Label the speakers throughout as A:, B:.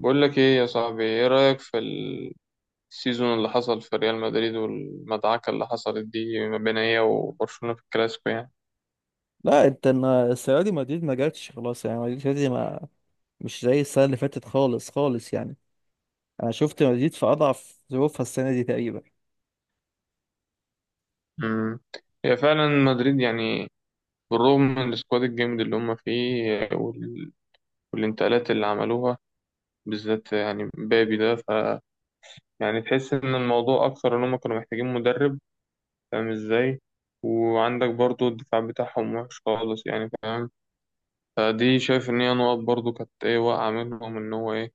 A: بقول لك ايه يا صاحبي، ايه رأيك في السيزون اللي حصل في ريال مدريد والمدعكة اللي حصلت دي ما بين هي وبرشلونة في الكلاسيكو يعني؟
B: لا، انت السنه دي مدريد ما جاتش، خلاص. يعني مدريد السنة دي ما مش زي السنه اللي فاتت خالص خالص. يعني انا شفت مدريد في اضعف ظروفها السنه دي تقريبا.
A: امم هي فعلا مدريد يعني، بالرغم من السكواد الجامد اللي هم فيه والانتقالات اللي عملوها، بالذات يعني مبابي ده. يعني تحس ان الموضوع اكثر ان هم كانوا محتاجين مدرب، فاهم ازاي؟ وعندك برضو الدفاع بتاعهم وحش خالص يعني، فاهم؟ فدي شايف ان هي نقط برضو كانت ايه واقعة منهم ان هو ايه،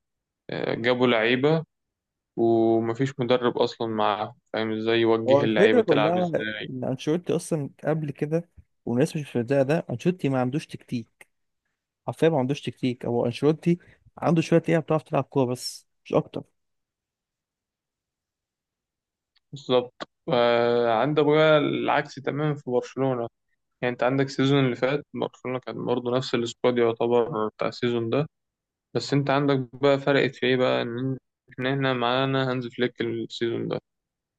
A: جابوا لعيبة ومفيش مدرب أصلا معاهم، فاهم ازاي
B: هو
A: يوجه
B: الفكره
A: اللعيبة تلعب
B: كلها
A: ازاي؟
B: ان انشيلوتي اصلا قبل كده، والناس مش مصدقه ده، انشيلوتي ما عندوش تكتيك. حرفيا ما عندوش تكتيك، هو انشيلوتي عنده شويه لعيبه بتعرف تلعب كوره، بس مش اكتر.
A: بالظبط. وعندك بقى العكس تماما في برشلونة، يعني انت عندك السيزون اللي فات برشلونة كان برضه نفس السكواد يعتبر بتاع السيزون ده. بس انت عندك بقى فرقت في ايه بقى، ان احنا هنا معانا هانز فليك السيزون ده،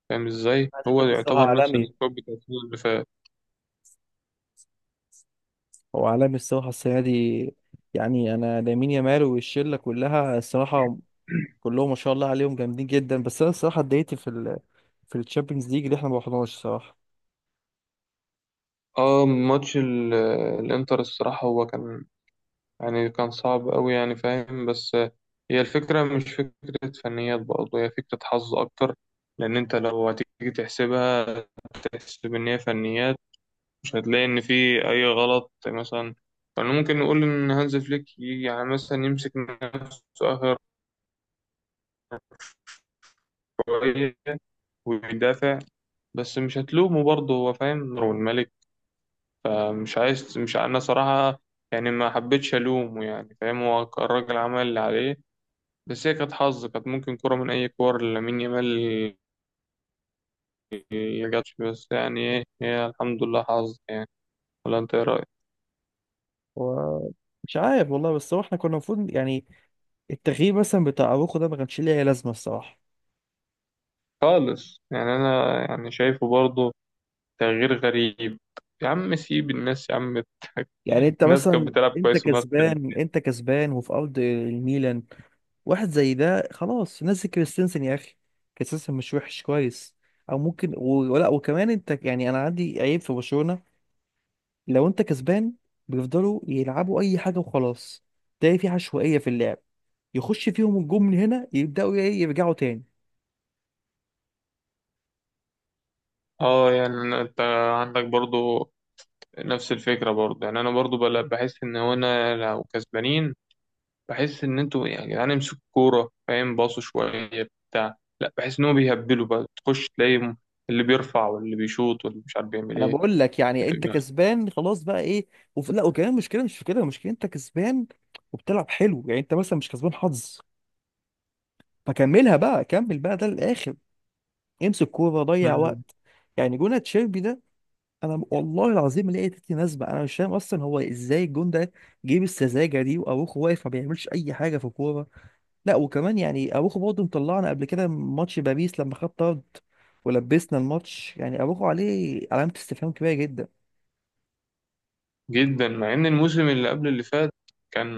A: فاهم ازاي؟
B: هذا
A: هو
B: فكر الصراحه
A: يعتبر نفس
B: عالمي،
A: السكواد بتاع السيزون اللي فات.
B: هو عالمي الصراحه السنه دي. يعني انا لامين يامال والشله كلها الصراحه كلهم ما شاء الله عليهم جامدين جدا. بس انا الصراحه اتضايقت في الشامبيونز ليج اللي احنا ما رحناش صراحه.
A: اه، ماتش الانتر الصراحة هو كان، يعني كان صعب أوي يعني فاهم، بس هي الفكرة مش فكرة فنيات برضه، هي فكرة حظ أكتر. لأن أنت لو هتيجي تحسبها، تحسب إن هي فنيات، مش هتلاقي إن في أي غلط مثلا. فأنا ممكن نقول إن هانز فليك يجي يعني مثلا يمسك نفسه آخر شوية ويدافع، بس مش هتلومه برضه، هو فاهم هو الملك. مش عايز، مش أنا صراحة يعني ما حبيتش ألومه، يعني فاهم هو الراجل عمل اللي عليه. بس هي كانت حظ، كانت ممكن كرة من أي كور لامين يامال ما جاتش، بس يعني إيه، هي الحمد لله حظ يعني. ولا أنت إيه رأيك؟
B: هو مش عارف، والله. بس هو احنا كنا المفروض، يعني التغيير مثلا بتاع اروخو ده ما كانش ليه اي لازمه الصراحه.
A: خالص يعني، أنا يعني شايفه برضه تغيير غريب. يا عم سيب الناس يا عم.
B: يعني انت
A: الناس كانت
B: مثلا،
A: بتلعب
B: انت
A: كويس والناس كانت.
B: كسبان، انت كسبان وفي ارض الميلان، واحد زي ده خلاص، نزل كريستنسن يا اخي. كريستنسن مش وحش، كويس. او ممكن ولا، وكمان انت يعني انا عندي عيب في برشلونه. لو انت كسبان بيفضلوا يلعبوا اي حاجه وخلاص. تلاقي في عشوائيه في اللعب. يخش فيهم الجون من هنا يبداوا ايه يرجعوا تاني.
A: اه، يعني أنت عندك برضه نفس الفكرة برضه، يعني أنا برضه بحس إن هو أنا لو كسبانين، بحس ان انتوا يعني يا جدعان امسكوا الكوره، فاهم، باصوا شويه بتاع لا، بحس ان هو بيهبلوا بقى، تخش تلاقي اللي بيرفع واللي بيشوط واللي مش عارف بيعمل
B: انا
A: ايه
B: بقول لك، يعني انت
A: يعني.
B: كسبان خلاص بقى ايه؟ لا وكمان المشكله مش في كده. المشكله انت كسبان وبتلعب حلو، يعني انت مثلا مش كسبان حظ، فكملها بقى، كمل بقى ده للاخر، امسك كوره، ضيع
A: مم.
B: وقت. يعني جون تشيربي ده، انا والله العظيم لقيت ناس بقى انا مش فاهم اصلا هو ازاي الجون ده. جيب السذاجه دي واروخو واقف ما بيعملش اي حاجه في الكوره. لا وكمان يعني اروخو برضه مطلعنا قبل كده ماتش باريس لما خد طرد ولبسنا الماتش. يعني اروخو عليه علامة استفهام كبيرة جدا.
A: جدا، مع ان الموسم اللي قبل اللي فات كان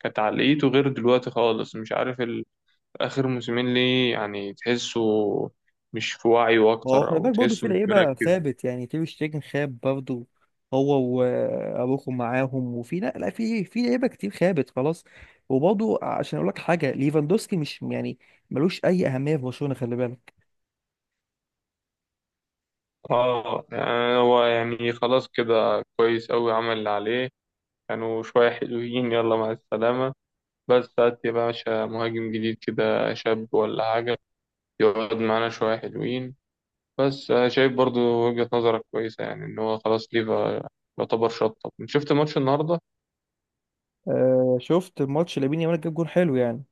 A: كانت عقليته غير دلوقتي خالص. مش عارف اخر موسمين ليه، يعني تحسه مش في وعيه
B: ما هو
A: اكتر
B: خلي
A: او
B: بالك برضه
A: تحسه
B: في
A: مش
B: لعيبة
A: مركز.
B: خابت، يعني تير شتيجن خاب برضه، هو واروخو معاهم، وفي لا لا في في لعيبة كتير خابت خلاص. وبرضه عشان اقول لك حاجة، ليفاندوسكي مش يعني ملوش اي اهمية في برشلونة، خلي بالك.
A: اه يعني هو يعني خلاص كده كويس قوي، عمل اللي عليه. كانوا شويه حلوين، يلا مع السلامه. بس هات يا باشا مهاجم جديد كده شاب ولا حاجة يقعد معانا شوية حلوين. بس أنا شايف برضو وجهة نظرك كويسة، يعني إن هو خلاص ليفا يعتبر شطب. شفت ماتش النهاردة؟
B: آه، شفت الماتش، لامين يامال جاب جون حلو يعني.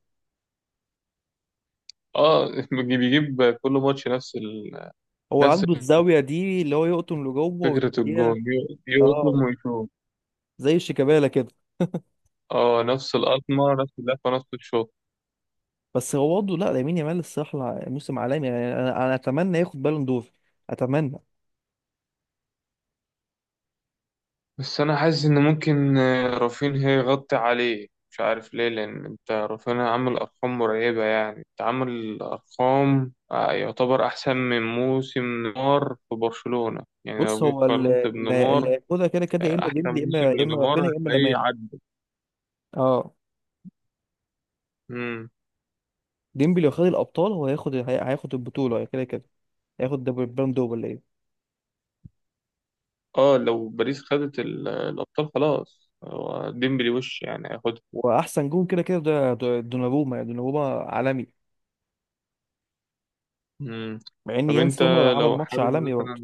A: اه، بيجيب كل ماتش نفس
B: هو
A: نفس
B: عنده الزاوية دي اللي هو يقطم لجوه
A: فكرة
B: ويديها.
A: الجون،
B: اه،
A: يقطم ويشوط.
B: زي شيكابالا كده.
A: اه، نفس القطمة نفس اللفة نفس الشوط.
B: بس هو برضه لا، لامين يامال الصراحه موسم عالمي. يعني انا اتمنى ياخد بالون دور، اتمنى.
A: بس انا حاسس ان ممكن رافينها يغطي عليه، مش عارف ليه، لان انت رافينها عامل ارقام مرعبه يعني، انت عامل ارقام يعتبر احسن من موسم نيمار في برشلونه، يعني
B: بص
A: لو جيت
B: هو
A: قارنت
B: اللي
A: بنيمار،
B: هياخدها كده كده يا اما
A: احسن
B: ديمبلي، يا اما
A: موسم لنيمار
B: رافينيا، يا اما
A: هتلاقيه
B: لامان.
A: عدى.
B: اه،
A: امم.
B: ديمبلي لو خد الابطال هو هياخد هياخد البطوله كده كده، هياخد البالون دور ولا ايه.
A: اه لو باريس خدت الابطال خلاص، هو ديمبلي وش يعني هياخدها.
B: واحسن جون كده كده ده دوناروما. يعني دوناروما عالمي،
A: امم.
B: مع ان
A: طب انت
B: يانس روما عمل
A: لو
B: ماتش
A: حابب
B: عالمي
A: مثلا،
B: برضه.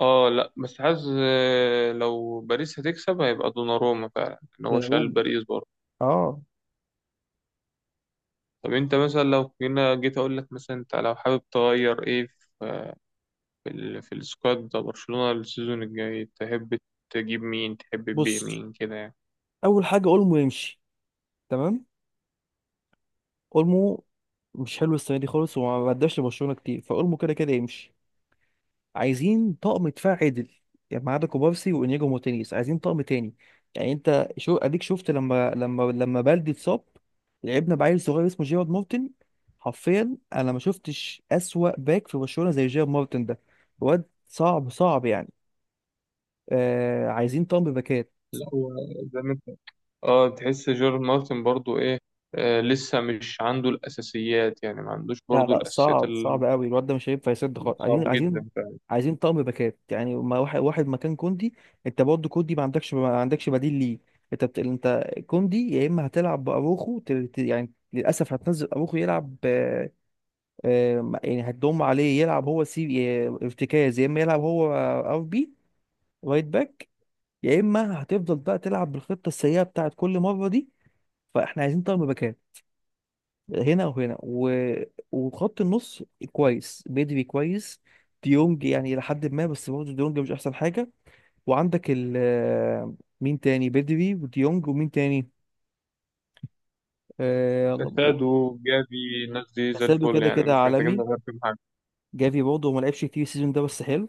A: اه لا بس حاسس لو باريس هتكسب هيبقى دوناروما فعلا، ان هو شال
B: دوناروما،
A: باريس برضه.
B: اه.
A: طب انت مثلا لو هنا جيت اقول لك مثلا، انت لو حابب تغير ايه في في السكواد ده برشلونة السيزون الجاي، تحب تجيب مين تحب تبيع
B: بص،
A: مين كده يعني؟
B: اول حاجه، اولمو يمشي، تمام. اولمو مش حلو السنه دي خالص، وما اداش لبرشلونه كتير، فاولمو كده كده يمشي. عايزين طقم دفاع عدل، يعني ما عدا كوبارسي وانياجو مارتينيز عايزين طقم تاني. يعني انت شو اديك، شفت لما بلدي اتصاب لعبنا بعيل صغير اسمه جيرارد مارتن. حرفيا انا ما شفتش اسوأ باك في برشلونة زي جيرارد مارتن ده. واد صعب صعب يعني. آه، عايزين طقم باكات.
A: لا هو زي ما انت، اه تحس جيرارد مارتن برضه ايه، آه لسه مش عنده الاساسيات يعني، ما عندوش
B: لا
A: برضه
B: لا،
A: الاساسيات
B: صعب صعب قوي، الواد ده مش هينفع يسد خالص.
A: صعب
B: عايزين، عايزين
A: جدا فعلا.
B: عايزين طقم باكات، يعني ما واحد واحد مكان كوندي. انت برضه كوندي ما عندكش بديل ليه. انت كوندي يا اما هتلعب باروخو، يعني للاسف هتنزل اروخو يلعب. يعني هتضم عليه يلعب هو سي ارتكاز، يا اما يلعب هو RB، رايت باك. يا اما هتفضل بقى تلعب بالخطه السيئه بتاعت كل مره دي. فاحنا عايزين طقم باكات هنا وهنا وخط النص كويس بدري، كويس. ديونج يعني إلى حد ما، بس برضه ديونج مش أحسن حاجة. وعندك ال مين تاني بدري وديونج ومين تاني؟ آه...
A: كاسادو، جافي، الناس دي زي
B: كاسادو
A: الفل
B: كده
A: يعني،
B: كده
A: مش محتاجين
B: عالمي.
A: نغير فيهم
B: جافي برضه ما لعبش كتير السيزون ده، بس حلو.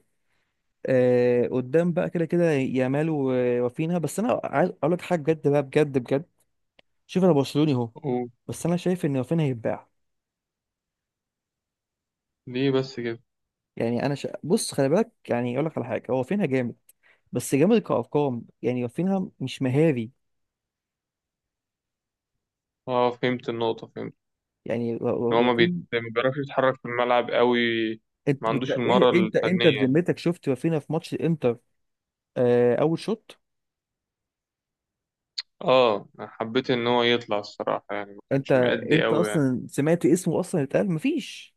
B: قدام بقى كده كده يامال ورافينها. بس أنا عايز أقول لك حاجة بجد بقى، بجد بجد. شوف، أنا برشلوني أهو،
A: حاجه.
B: بس أنا شايف إن رافينها هيتباع.
A: ليه بس كده؟
B: يعني بص، خلي بالك يعني، أقول لك على حاجة، هو رافينها جامد، بس جامد كأرقام. يعني رافينها مش مهاري.
A: اه فهمت النقطة، فهمت
B: يعني
A: ان هو
B: رافين.
A: ما بيعرفش يتحرك في الملعب قوي، ما عندوش
B: ايه،
A: المهارة
B: انت
A: الفنية يعني.
B: بذمتك، شفت رافينها في ماتش الانتر؟ آه، اول شوط.
A: اه أنا حبيت ان هو يطلع الصراحة يعني، ما
B: انت
A: كانش مأدي
B: انت
A: قوي يعني.
B: اصلا سمعت اسمه اصلا اتقال؟ مفيش.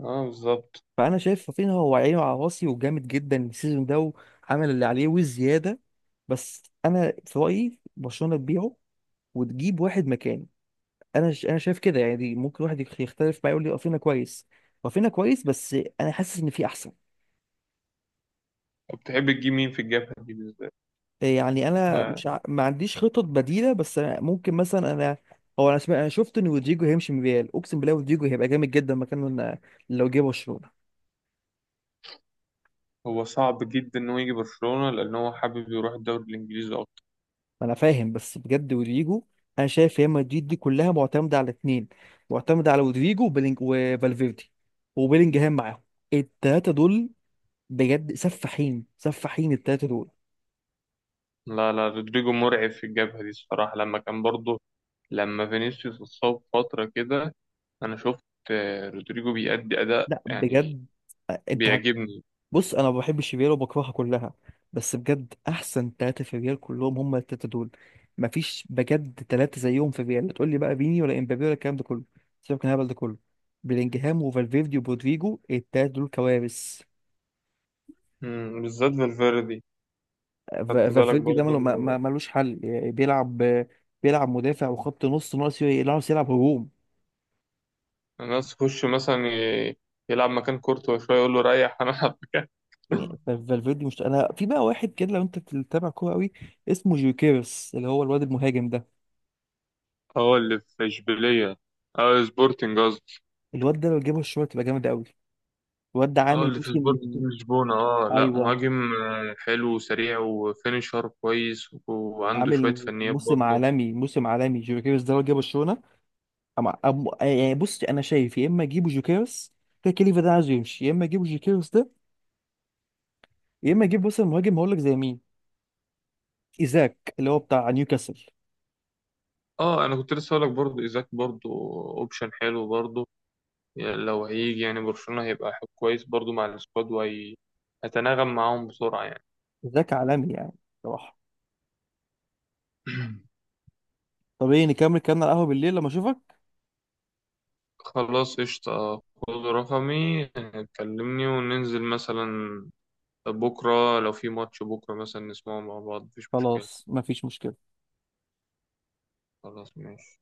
A: اه بالظبط.
B: فانا شايف رافينها هو عينه على راسي وجامد جدا السيزون ده، وعمل اللي عليه والزياده. بس انا في رايي برشلونه تبيعه وتجيب واحد مكانه. انا شايف كده يعني. دي ممكن واحد يختلف معايا، يقول لي رافينها كويس. رافينها كويس، بس انا حاسس ان في احسن.
A: طب تحب تجيب مين في الجبهة دي بالذات؟
B: يعني انا
A: ب-
B: مش ع... ما عنديش خطط بديله، بس أنا ممكن مثلا انا، هو انا شفت ان رودريجو هيمشي من ريال. اقسم بالله رودريجو هيبقى جامد جدا مكانه، لو جه برشلونه.
A: هو صعب جدا انه يجي برشلونة، لان هو حابب يروح الدوري الانجليزي اكتر.
B: انا فاهم، بس بجد رودريجو، انا شايف ريال مدريد دي كلها معتمده على اتنين، معتمده على رودريجو وفالفيردي، وبيلينجهام معاهم. التلاته دول بجد سفاحين سفاحين، التلاته دول.
A: لا لا، رودريجو مرعب في الجبهة دي الصراحة، لما كان برضه، لما فينيسيوس اتصاب فترة كده، انا شفت رودريجو بيأدي اداء
B: لا
A: يعني،
B: بجد، انت
A: بيعجبني.
B: بص انا ما بحبش الريال وبكرهها كلها، بس بجد احسن ثلاثه في الريال كلهم هم الثلاثه دول. مفيش بجد ثلاثه زيهم في الريال. تقول لي بقى فيني ولا امبابي ولا الكلام ده كله؟ سيبك من الهبل ده كله. بلينجهام وفالفيردي وبودريجو الثلاثه دول كوارث.
A: مم، بالذات فالفيردي. خدت بالك
B: فالفيردي ده
A: برضو
B: ملوش حل يعني. بيلعب مدافع وخط نص، ناقص يلعب هجوم.
A: الناس تخش مثلا ي- يلعب مكان كورتوا شوية يقول له ريح، أنا ألعب مكان
B: يعني فالفيردي مش، انا في بقى واحد كده لو انت بتتابع كوره قوي اسمه جيوكيرس، اللي هو الواد المهاجم ده.
A: اه اللي في إشبيلية، اه سبورتنج قصدي.
B: الواد ده لو جابه الشوط تبقى جامد قوي. الواد ده
A: اه
B: عامل
A: اللي في
B: موسم.
A: سبورتنج لشبونة، اه لا
B: ايوه،
A: مهاجم حلو وسريع وفينيشر كويس وعنده شوية
B: عامل
A: فنيات
B: موسم
A: برضه.
B: عالمي، موسم عالمي. جوكيرس ده لو جه برشلونه، يعني بص انا شايف يا اما اجيبه جوكيرس كده، كليفا ده عايز يمشي، يا اما اجيبه جوكيرس ده، يا اما اجيب مثلا مهاجم. هقول لك زي مين؟ ايزاك، اللي هو بتاع نيوكاسل.
A: اه انا كنت لسه هقولك برضه ايزاك برضه اوبشن حلو برضه. يعني لو هيجي يعني برشلونة هيبقى حب كويس برضه مع السكواد، وهيتناغم معاهم بسرعة يعني.
B: ايزاك عالمي يعني، صراحه. طب ايه، نكمل كلامنا على القهوه بالليل لما اشوفك؟
A: خلاص قشطة، خد رقمي كلمني وننزل مثلا بكرة، لو في ماتش بكرة مثلا نسمعه مع بعض مفيش مشكلة.
B: خلاص، مفيش مشكله.
A: خلاص ماشي.